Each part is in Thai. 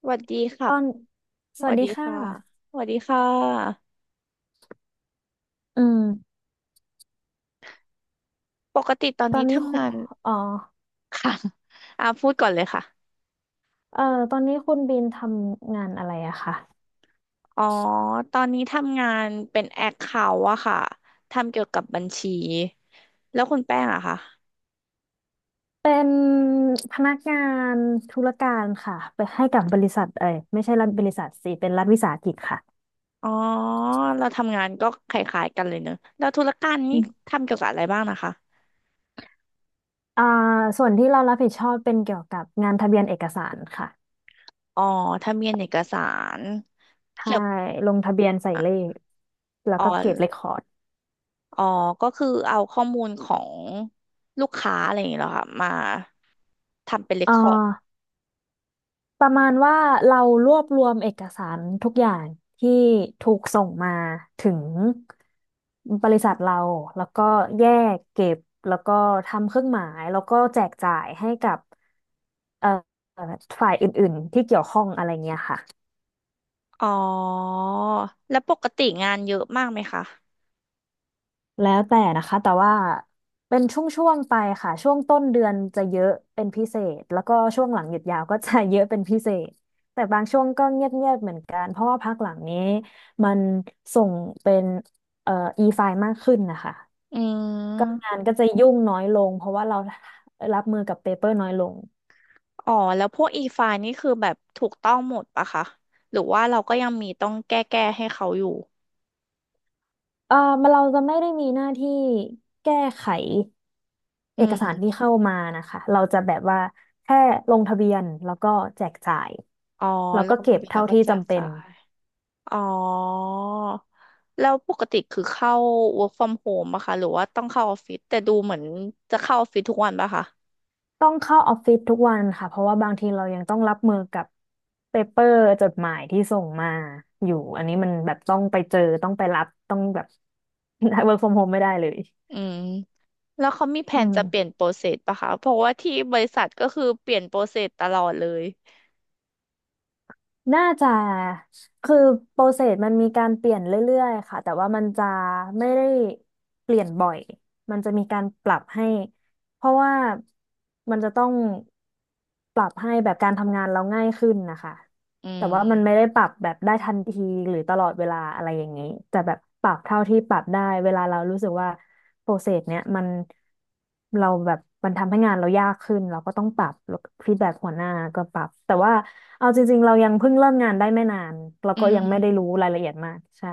สวัสดีครัตบอนสสวัวัสสดีดีค่ะ ค่ะสวัสดีค่ะอืมปกติตอนตอนี้นนี้ทำคุณงานอ๋อค่ะ พูดก่อนเลยค่ะเอ่อตอนนี้คุณบีมทำงานอะไรอะคะอ๋อตอนนี้ทำงานเป็นแอคเคาท์อะค่ะทำเกี่ยวกับบัญชีแล้วคุณแป้งอะค่ะเป็นพนักงานธุรการค่ะไปให้กับบริษัทเอ้ยไม่ใช่รัฐบริษัทสิเป็นรัฐวิสาหกิจค่ะอ๋อเราทำงานก็คล้ายๆกันเลยเนอะแล้วธุรการนี่อืมทำเกี่ยวกับอะไรบ้างนะคะอ่าส่วนที่เรารับผิดชอบเป็นเกี่ยวกับงานทะเบียนเอกสารค่ะอ๋อทะเบียนเอกสารใช่เกี่ยวกับลงทะเบียนใส่เลข แล้วอ๋อ ก็เก็บเรคคอร์ดอ๋อ ก็คือเอาข้อมูลของลูกค้าอะไรอย่างเงี้ยเหรอค่ะมาทำเป็นเรคเอ่อ คอร์ด ประมาณว่าเรารวบรวมเอกสารทุกอย่างที่ถูกส่งมาถึงบริษัทเราแล้วก็แยกเก็บแล้วก็ทำเครื่องหมายแล้วก็แจกจ่ายให้กับเอ่อฝ่าย อ๋อ แล้วปกติงานเยอะมากไหมคะแล้วแต่นะคะแต่ว่าเป็นช่วงๆไปค่ะช่วงต้นเดือนจะเยอะเป็นพิเศษแล้วก็ช่วงหลังหยุดยาวก็จะเยอะเป็นพิเศษแต่บางช่วงก็เงียบๆเหมือนกันเพราะว่าพักหลังนี้มันส่งเป็นเอ่อ e-file มากขึ้นนะคะอืก็มงานก็จะยุ่งน้อยลงเพราะว่าเรารับมือกับเปเปอร์น้อยลง อ๋อ แล้วพวกอีไฟล์นี่คือแบบถูกต้องหมดปะคะหรือว่าเราก็ยังมีต้องแก้ให้เขาอยู่เออมันเราจะไม่ได้มีหน้าที่แก้ไขอืเอกสารที่มเข้ามานะคะ เราจะแบบว่าแค่ลงทะเบียนแล้วก็แจกจ่ายอ๋อแล้วลก็งเก็ทะบเบียนแล้เท่าวก็ที่แจกจำเป็จ่านยอ๋อ แล้วปกติคือเข้า work from home ปะคะหรือว่าต้องเข้าออฟฟิศแต่ดูเหมือนจะเข้าออฟฟิศทุกวันปะคะต้องเข้าออฟฟิศทุกวันค่ะเพราะว่าบางทีเรายังต้องรับมือกับเปเปอร์จดหมายที่ส่งมาอยู่อันนี้มันแบบต้องไปเจอต้องไปรับต้องแบบ work from home ไม่ได้เลยอืม แล้วเขามีแผอืนจะเปลี่ยม นโปรเซสปะคะ เพราะว่าที่บริษัทก็คือเปลี่ยนโปรเซสตลอดเลย น่าจะคือโปรเซสมันมีการเปลี่ยนเรื่อยๆค่ะแต่ว่ามันจะไม่ได้เปลี่ยนบ่อยมันจะมีการปรับให้เพราะว่ามันจะต้องปรับให้แบบการทำงานเราง่ายขึ้นนะคะอืแต่ว่ามันไม่ม ได้ปรับแบบได้ทันทีหรือตลอดเวลาอะไรอย่างนี้แต่แบบปรับเท่าที่ปรับได้เวลาเรารู้สึกว่า โปรเซสเนี้ยมันเราแบบมันทำให้งานเรายากขึ้นเราก็ต้องปรับแล้วฟีดแบ็กหัวหน้าก็ปรับแต่ว่าเอาจริงๆเรายังเพิ่งเริ่มงานได้ไม่นานเราอืก็ยังไม่ได้รู้ม รายละเอียดมากใช่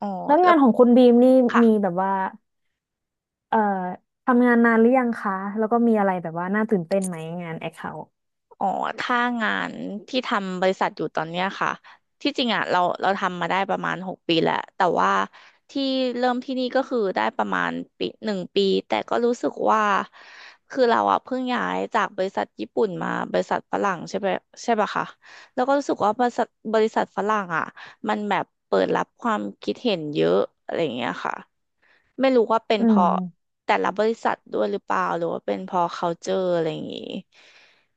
อ๋อ แล้วแล้งาวนของคุณบีมนี่ค่ะ มีแบบว่าเอ่อทำงานนานหรือยังคะแล้วก็มีอะไรแบบว่าน่าตื่นเต้นไหมงานแอคเคาท์อ๋อถ้างานที่ทำบริษัทอยู่ตอนเนี้ยค่ะ ที่จริงอ่ะเราทำมาได้ประมาณ6 ปีแล้ว แต่ว่าที่เริ่มที่นี่ก็คือได้ประมาณปีหนึ่งปี แต่ก็รู้สึกว่าคือเราอ่ะเพิ่งย้ายจากบริษัทญี่ปุ่นมาบริษัทฝรั่งใช่ไหมใช่ปะคะแล้วก็รู้สึกว่าบริษัทฝรั่งอ่ะมันแบบเปิดรับความคิดเห็นเยอะอะไรอย่างเงี้ยค่ะไม่รู้ว่าเป็นอืเพราะมแต่ละบริษัทด้วยหรือเปล่าหรือว่าเป็นเพราะ culture อะไรอย่างงี้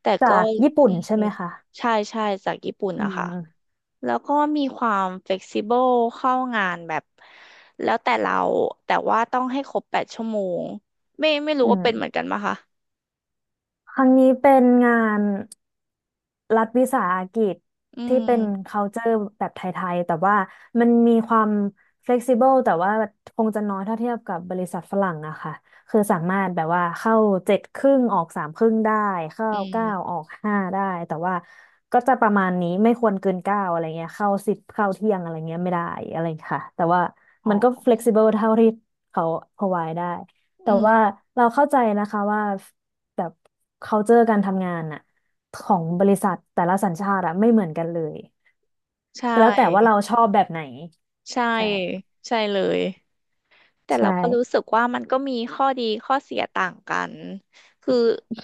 แต่ก็จากญี่ปุ่อืนใช่มไหมคะใช่ใช่จากญี่ปุ่นอือะค่ะมแล้วก็มีความเฟ e ซิเบิลเข้างานแบบแล้วแต่เราแต่ว่าต้องให้ครบ8 ชั่วโมงไม่รู้อืว่าเป็นเหมือนมกันปะคะครั้งนี้เป็นงาน รัฐวิสาหกิจอืที่เป็น ม culture แบบไทยๆ แต่ว่ามันมีความ flexible แต่ว่าคงจะน้อยถ้าเทียบกับบริษัทฝรั่งนะคะคือสามารถแบบว่าเข้าเจ็ดครึ่งออกสามครึ่งได้ เข้าอืเก้ามออกห้าได้ แต่ว่าก็จะประมาณนี้ไม่ควรเกินเก้าอะไรเงี้ย เข้าสิบเข้าเที่ยงอะไรเงี้ยไม่ได้อะไรค่ะแต่ว่าอ๋มัอนก็ flexible เท่าที่เขา provide ได้ แต่อืมว่าเราเข้าใจนะคะว่าแบบ culture การทำงานน่ะ ของบริษัทแต่ละสัญชาติอะไม่เหมือนกันเลยใชก็แล้วแต่ว่าเรา่ชอบแบบไหนใช่ใช่ใช่เลย แต่ใช่เราก็รู้สึกว่ามันก็มีข้อดีข้อเสียต่างกันคือ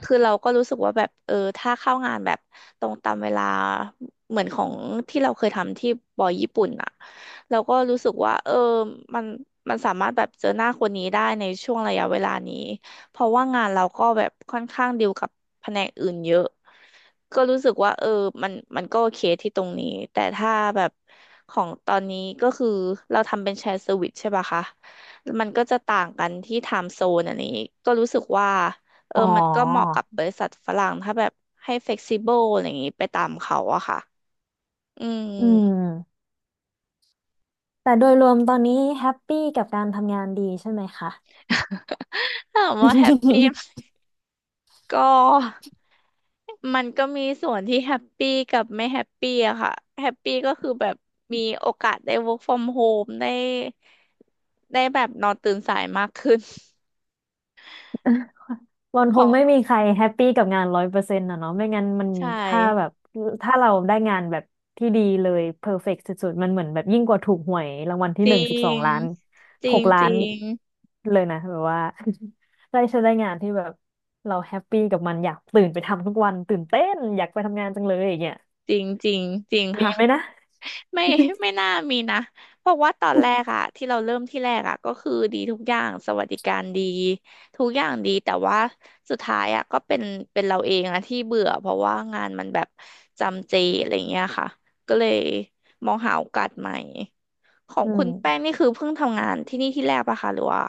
คือเราก็รู้สึกว่าแบบเออถ้าเข้างานแบบตรงตามเวลาเหมือนของที่เราเคยทำที่บอยญี่ปุ่นอ่ะเราก็รู้สึกว่าเออมันมันสามารถแบบเจอหน้าคนนี้ได้ในช่วงระยะเวลานี้ เพราะว่างานเราก็แบบค่อนข้างดีลกับแผนกอื่นเยอะก็รู้สึกว่าเออมันก็โอเคที่ตรงนี้ แต่ถ้าแบบของตอนนี้ก็คือเราทำเป็นแชร์เซอร์วิสใช่ปะคะ มันก็จะต่างกันที่ i ท e z โซนอันนี้ก็รู้สึกว่าเอออ๋อมันก็เหมาะกับบริษัทฝรั่งถ้าแบบให้เฟกซิ b บ e ลอะไรอย่างนี้ไปตามเขาอะค่ะอืม อืมแต่โดยรวมตอนนี้แฮปปี้กับการทำงานดีใช่ไหมคะ ถามว่าแฮปปี้ ก็มันก็มีส่วนที่แฮปปี้กับไม่แฮปปี้อะค่ะแฮปปี้ก็คือแบบมีโอกาสได้ work from home ได้ได้แบบนอนตื่นสายมากขึ้น มัน คงไม่ของมีใครแฮปปี้กับงาน100%ะเนาะไม่งั้นมันใช่ถ้าแบบถ้าเราได้งานแบบที่ดีเลยเพอร์เฟกต์สุดๆมันเหมือนแบบยิ่งกว่าถูกหวยรางวัลที่จหรินึ่งสิบสองงล้านจริหงกล้าจรินง เลยนะแบบว่า ได้งานที่แบบเราแฮปปี้กับมันอยากตื่นไปทำทุกวันตื่นเต้นอยากไปทำงานจังเลยอย่างเงี้ยจริงจริงจริงมีค่ะไหมนะ ไม่ ไม่น่ามีนะเพราะว่าตอนแรกอะที่เราเริ่มที่แรกอะก็คือดีทุกอย่างสวัสดิการดีทุกอย่างดีแต่ว่าสุดท้ายอะก็เป็นเป็นเราเองอะที่เบื่อเพราะว่างานมันแบบจำเจอะไรเงี้ยค่ะก็เลยมองหาโอกาสใหม่ของอืคุมณแป้งนี่คือเพิ่งทำงานที่นี่ที่แรกปะคะหรือว่า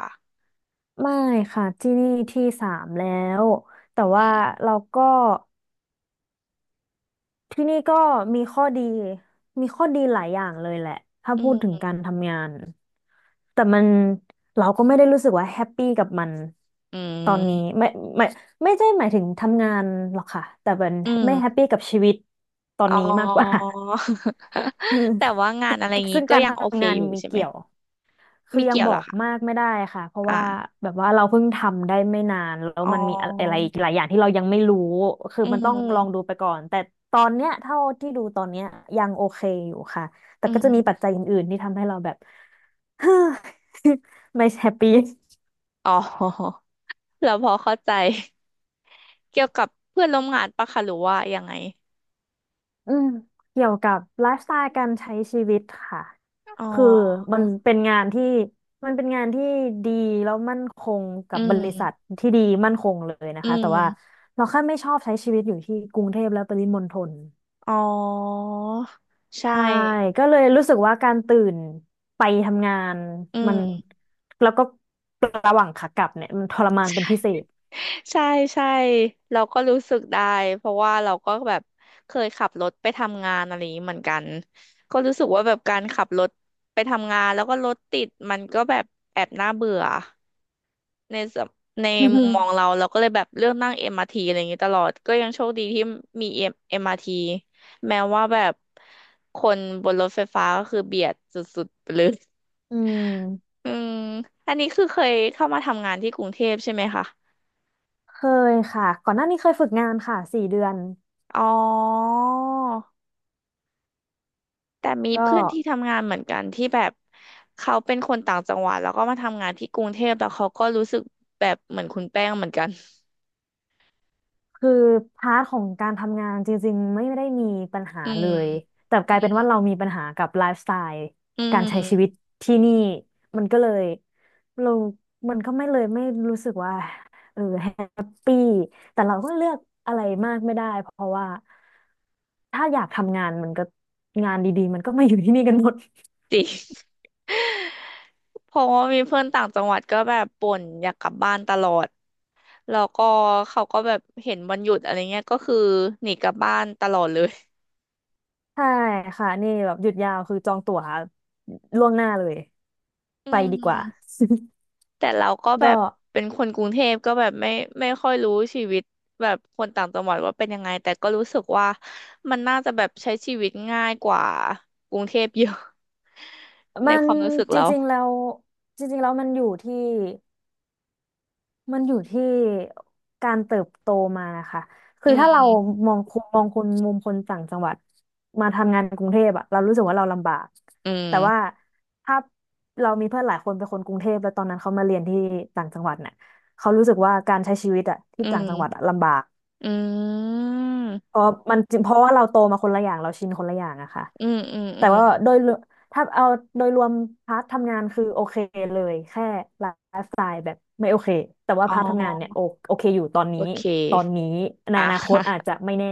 ไม่ค่ะที่นี่ที่สามแล้วแต่ว่าเราก็ ที่นี่ก็มีข้อดีมีข้อดีหลายอย่างเลยแหละถ้าอืพูดถึงมการทำงานแต่มันเราก็ไม่ได้รู้สึกว่าแฮปปี้กับมันอืตอนนี้มไม่ไม่ไม่ใช่หมายถึงทำงานหรอกค่ะแต่เป็นอืไม่แฮปมปี้กับชีวิตตอนอ๋อ นี้มากกว่า แต่เออว่างานอะไรงี้ซึ่งก็การยัทงโอเคำงานอยู่มันใช่ไหมเกี่ยว คือมียังเกี่ยวบเหอรอกคะ มากไม่ได้ค่ะ เพราะอ่ะว่าแบบว่าเราเพิ่งทำได้ไม่นานแล้วอ๋มันมีอะไรออีกหลายอย่างที่เรายังไม่รู้ คืออืมันต้องลองมดูไปก่อน แต่ตอนเนี้ยเท่าที่ดูตอนเนี้ยยังโอเคอยู่ค่ะ แต่อืก็จะมีปัมจจัยอื่นๆที่ทำให้เราแบบ ไม่แฮปปี้ อ๋อ แล้วพอเข้าใจเกี่ยวกับเพื่อนร่วมงานปะคะหรือว่ายังไงอืมเกี่ยวกับไลฟ์สไตล์การใช้ชีวิตค่ะอ๋อคือมันเป็นงานที่มันเป็นงานที่ดีแล้วมั่นคงกัอืบบริษัทมที่ดีมั่นคงเลยนะอืคะแต่ว่ามเราแค่ไม่ชอบใช้ชีวิตอยู่ที่กรุงเทพและปริมณฑลอ๋อใช่ใช่ก็เลยรู้สึกว่าการตื่นไปทำงานอืมันมแล้วก็ระหว่างขากลับเนี่ยมันทรมานเป็นพิใช่เศษ ใช่ใช่เราก็รู้สึกได้เพราะว่าเราก็แบบเคยขับรถไปทำงานอะไรอย่างนี้เหมือนกันก็รู้สึกว่าแบบการขับรถไปทำงานแล้วก็รถติดมันก็แบบแอบน่าเบื่อ ในสมใน อืมุมมมองเราเราก็เลยแบบเลือกนั่งเอ r มอาร์ทีอะไรอย่างนี้ตลอดก็ยังโชคดีที่มี M- ์ท t แม้ว่าแบบคนบนรถไฟฟ้าก็คือเบียดสุดๆไปเลย อืม อืมอันนี้คือเคยเข้ามาทำงานที่กรุงเทพใช่ไหมคะเคยค่ะก่อนหน้านี้เคยฝึกงานค่ะ4 เดือนอ๋อแต่มีก็ เพื่อนที่ทำงานเหมือนกันที่แบบเขาเป็นคนต่างจังหวัดแล้วก็มาทำงานที่กรุงเทพแล้วเขาก็รู้สึกแบบเหมือนคุณแป้งเหมือนกัน คือพาร์ทของการทำงานจริงๆไม่ได้มีปัญหาอืเลมยแต่กอืลายเป็นว่ามเรามีปัญหากับไลฟ์สไตล์อืการใช้ชีวิม ตที่นี่มันก็เลยเรามันก็ไม่เลยไม่รู้สึกว่าแฮปปี้แต่เราก็เลือกอะไรมากไม่ได้เพราะว่าถ้าอยากทำงานมันก็งานดีๆมันก็มาอยู่ที่นี่กันหมด จริง เพราะว่ามีเพื่อนต่างจังหวัดก็แบบบ่นอยากกลับบ้านตลอดแล้วก็เขาก็แบบเห็นวันหยุดอะไรเงี้ยก็คือหนีกลับบ้านตลอดเลย ใช่ค่ะนี่แบบหยุดยาวคือจองตั๋วล่วงหน้าเลย อืไปดีกว่า มแต่เราก็ แบก็ บเป็นคนกรุงเทพก็แบบไม่ค่อยรู้ชีวิตแบบคนต่างจังหวัดว่าเป็นยังไงแต่ก็รู้สึกว่ามันน่าจะแบบใช้ชีวิตง่ายกว่ากรุงเทพเยอะ ในมัคนวามรู้สึกจเราริงๆแล้วจริงๆแล้วมันอยู่ที่มันอยู่ที่การเติบโตมานะคะคือือถ้าเรามมองคุณมองคนมุมคนต่างจังหวัดมาทำงานกรุงเทพอะเรารู้สึกว่าเราลำบากอืแต่ว่ามถ้าเรามีเพื่อนหลายคนเป็นคนกรุงเทพแล้วตอนนั้นเขามาเรียนที่ต่างจังหวัดเนี่ยเขารู้สึกว่าการใช้ชีวิตอะที่อืต่างจังหวัดมอะลำบาก อืเพม ราะมันจริงเพราะว่าเราโตมาคนละอย่างเราชินคนละอย่างอะค่ะอืมอืมอืแต่มว่าโดยรวมถ้าเอาโดยรวมพาร์ททำงานคือโอเคเลยแค่ไลฟ์สไตล์แบบไม่โอเคแต่ว่าอ๋พาร์ททำงานเนี่ยอโอเคอยู่ตอนโอนี้เคตอนนี้ในออ่ะ นาคตอาจ จะไม่แน่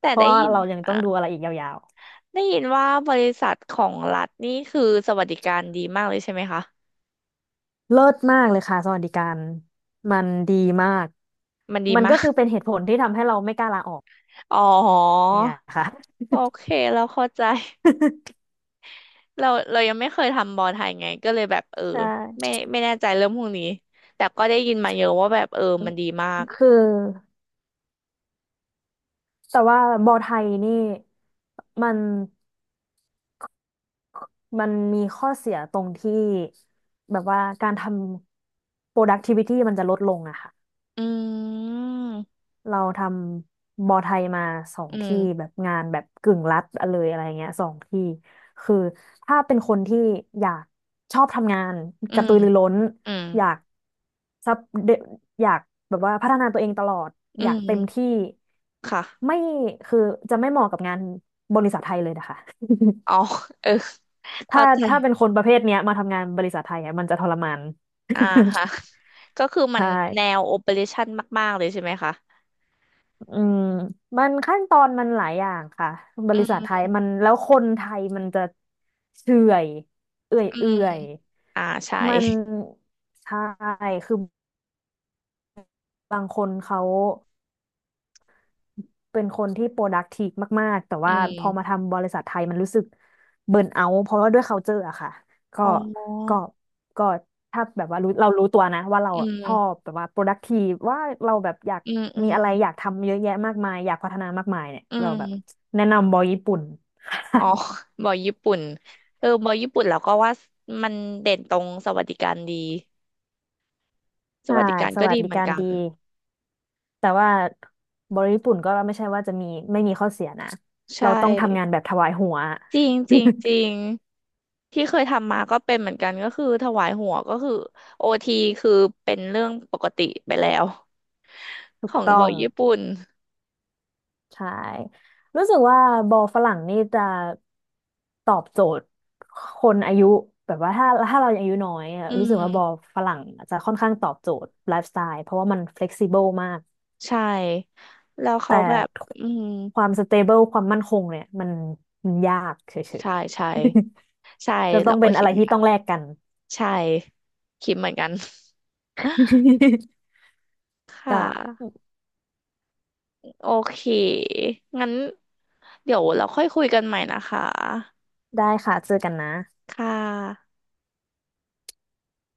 แต่ เพได้ราะว่ายินเรายังอ่ะต้องดูอะไรอีกยาวได้ยินว่าบริษัทของรัฐนี่คือสวัสดิการดีมากเลยใช่ไหมคะๆเลิศมากเลยค่ะสวัสดิการมันดีมากมันดีมันมาก็ก คือเป็นเหตุผลที่ทำให้เราไม่กล้าลาออก อ๋อเนี่ยค่ะ โอเคเราเข้าใจ เรายังไม่เคยทำบอลไทยไงก็เลยแบบเออใช่ไม่แน่ใจเรื่องพวกนี้แต่ก็ได้ยินมาเยอะว่าแบบเออมันดีมากคือ แต่ว่าบอไทยนี่มันมีข้อเสียตรงที่แบบว่าการทำ productivity มันจะลดลงอะค่ะ อืมเราทำบอไทยมาสองอืที่มแบบงานแบบกึ่งรัฐเลยอะไรเงี้ยสองที่คือถ้าเป็นคนที่อยากชอบทำงานอืกระมตือรือร้นอืมอยากซับเดอยากแบบว่าพัฒนาตัวเองตลอดอือยากเต็มมที่ค่ะไม่คือจะไม่เหมาะกับงานบริษัทไทยเลยนะคะ อ๋อเออ ถ้าเข้าใจ ถ้าเป็นคนประเภทเนี้ยมาทำงานบริษัทไทยอ่ะมันจะทรมาน อ่าฮะ ก็คือ มันใช่ แนวโอเปอเรชั่นมากๆเลยใช่ไหมคะอืมมันขั้นตอนมันหลายอย่างค่ะ บอืริษัทไทยมมันแล้วคนไทยมันจะเฉื่อยเอื่อยอืเอื่มอยใช่มันใช่คือบางคนเขา เป็นคนที่ productive มากๆแต่อืว่าพอมามทำบริษัทไทยมันรู้สึกเบิร์นเอาเพราะว่าด้วย culture อะค่ะก็อ๋ก็อก็ถ้าแบบว่าเรารู้ตัวนะว่าเราอืชอบมแบบว่า productive ว่าเราแบบอยากอืมอืมีมอะไรอยากทำเยอะแยะมากมายอยากพัฒนามากมายเนี่ยอืเราแบบมแนะนำบริษัทญี่ปุ่นอ๋อ บอยญี่ปุ่นเออบอยญี่ปุ่นเราก็ว่ามันเด่นตรงสวัสดิการดีสใช่วัสดิการสก็วัสดีดิเหมือกานรกันดีแต่ว่าบริษัทญี่ปุ่นก็ไม่ใช่ว่าจะมีไม่มีข้อเสียนะเราใช่ต้องทำงานแบบถวายหัว จริงจริงจริ งที่เคยทำมาก็เป็นเหมือนกันก็คือถวายหัวก็คือโอทีคือเป็นเรื่องปกติไปแล้วถูขกองบต้ออยง ญี่ปุ่นใช่รู้สึกว่าบอลฝรั่งนี่จะตอบโจทย์คนอายุแบบว่าถ้าเรายังอายุน้อยอะอืรู้สึกว่าบอลม ฝรั่งจะค่อนข้างตอบโจทย์ไลฟ์สไตล์เพราะว่ามัน flexible มากใช่ แล้วเขาแต่แบบ อืมความ stable ความมั่นคงเนี่ยมันยากเฉยใช่ใช่ใช่ๆ ก็ต้เราองก็เป็นอะคิดไรเหมือนที่กัต้น องแลกกัน ใช่ คิดเหมือนกัน ค่ะ ก็โอเค งั้นเดี๋ยวเราค่อยคุยกันใหม่นะคะ ได้ค่ะเจอกันนะค่ะ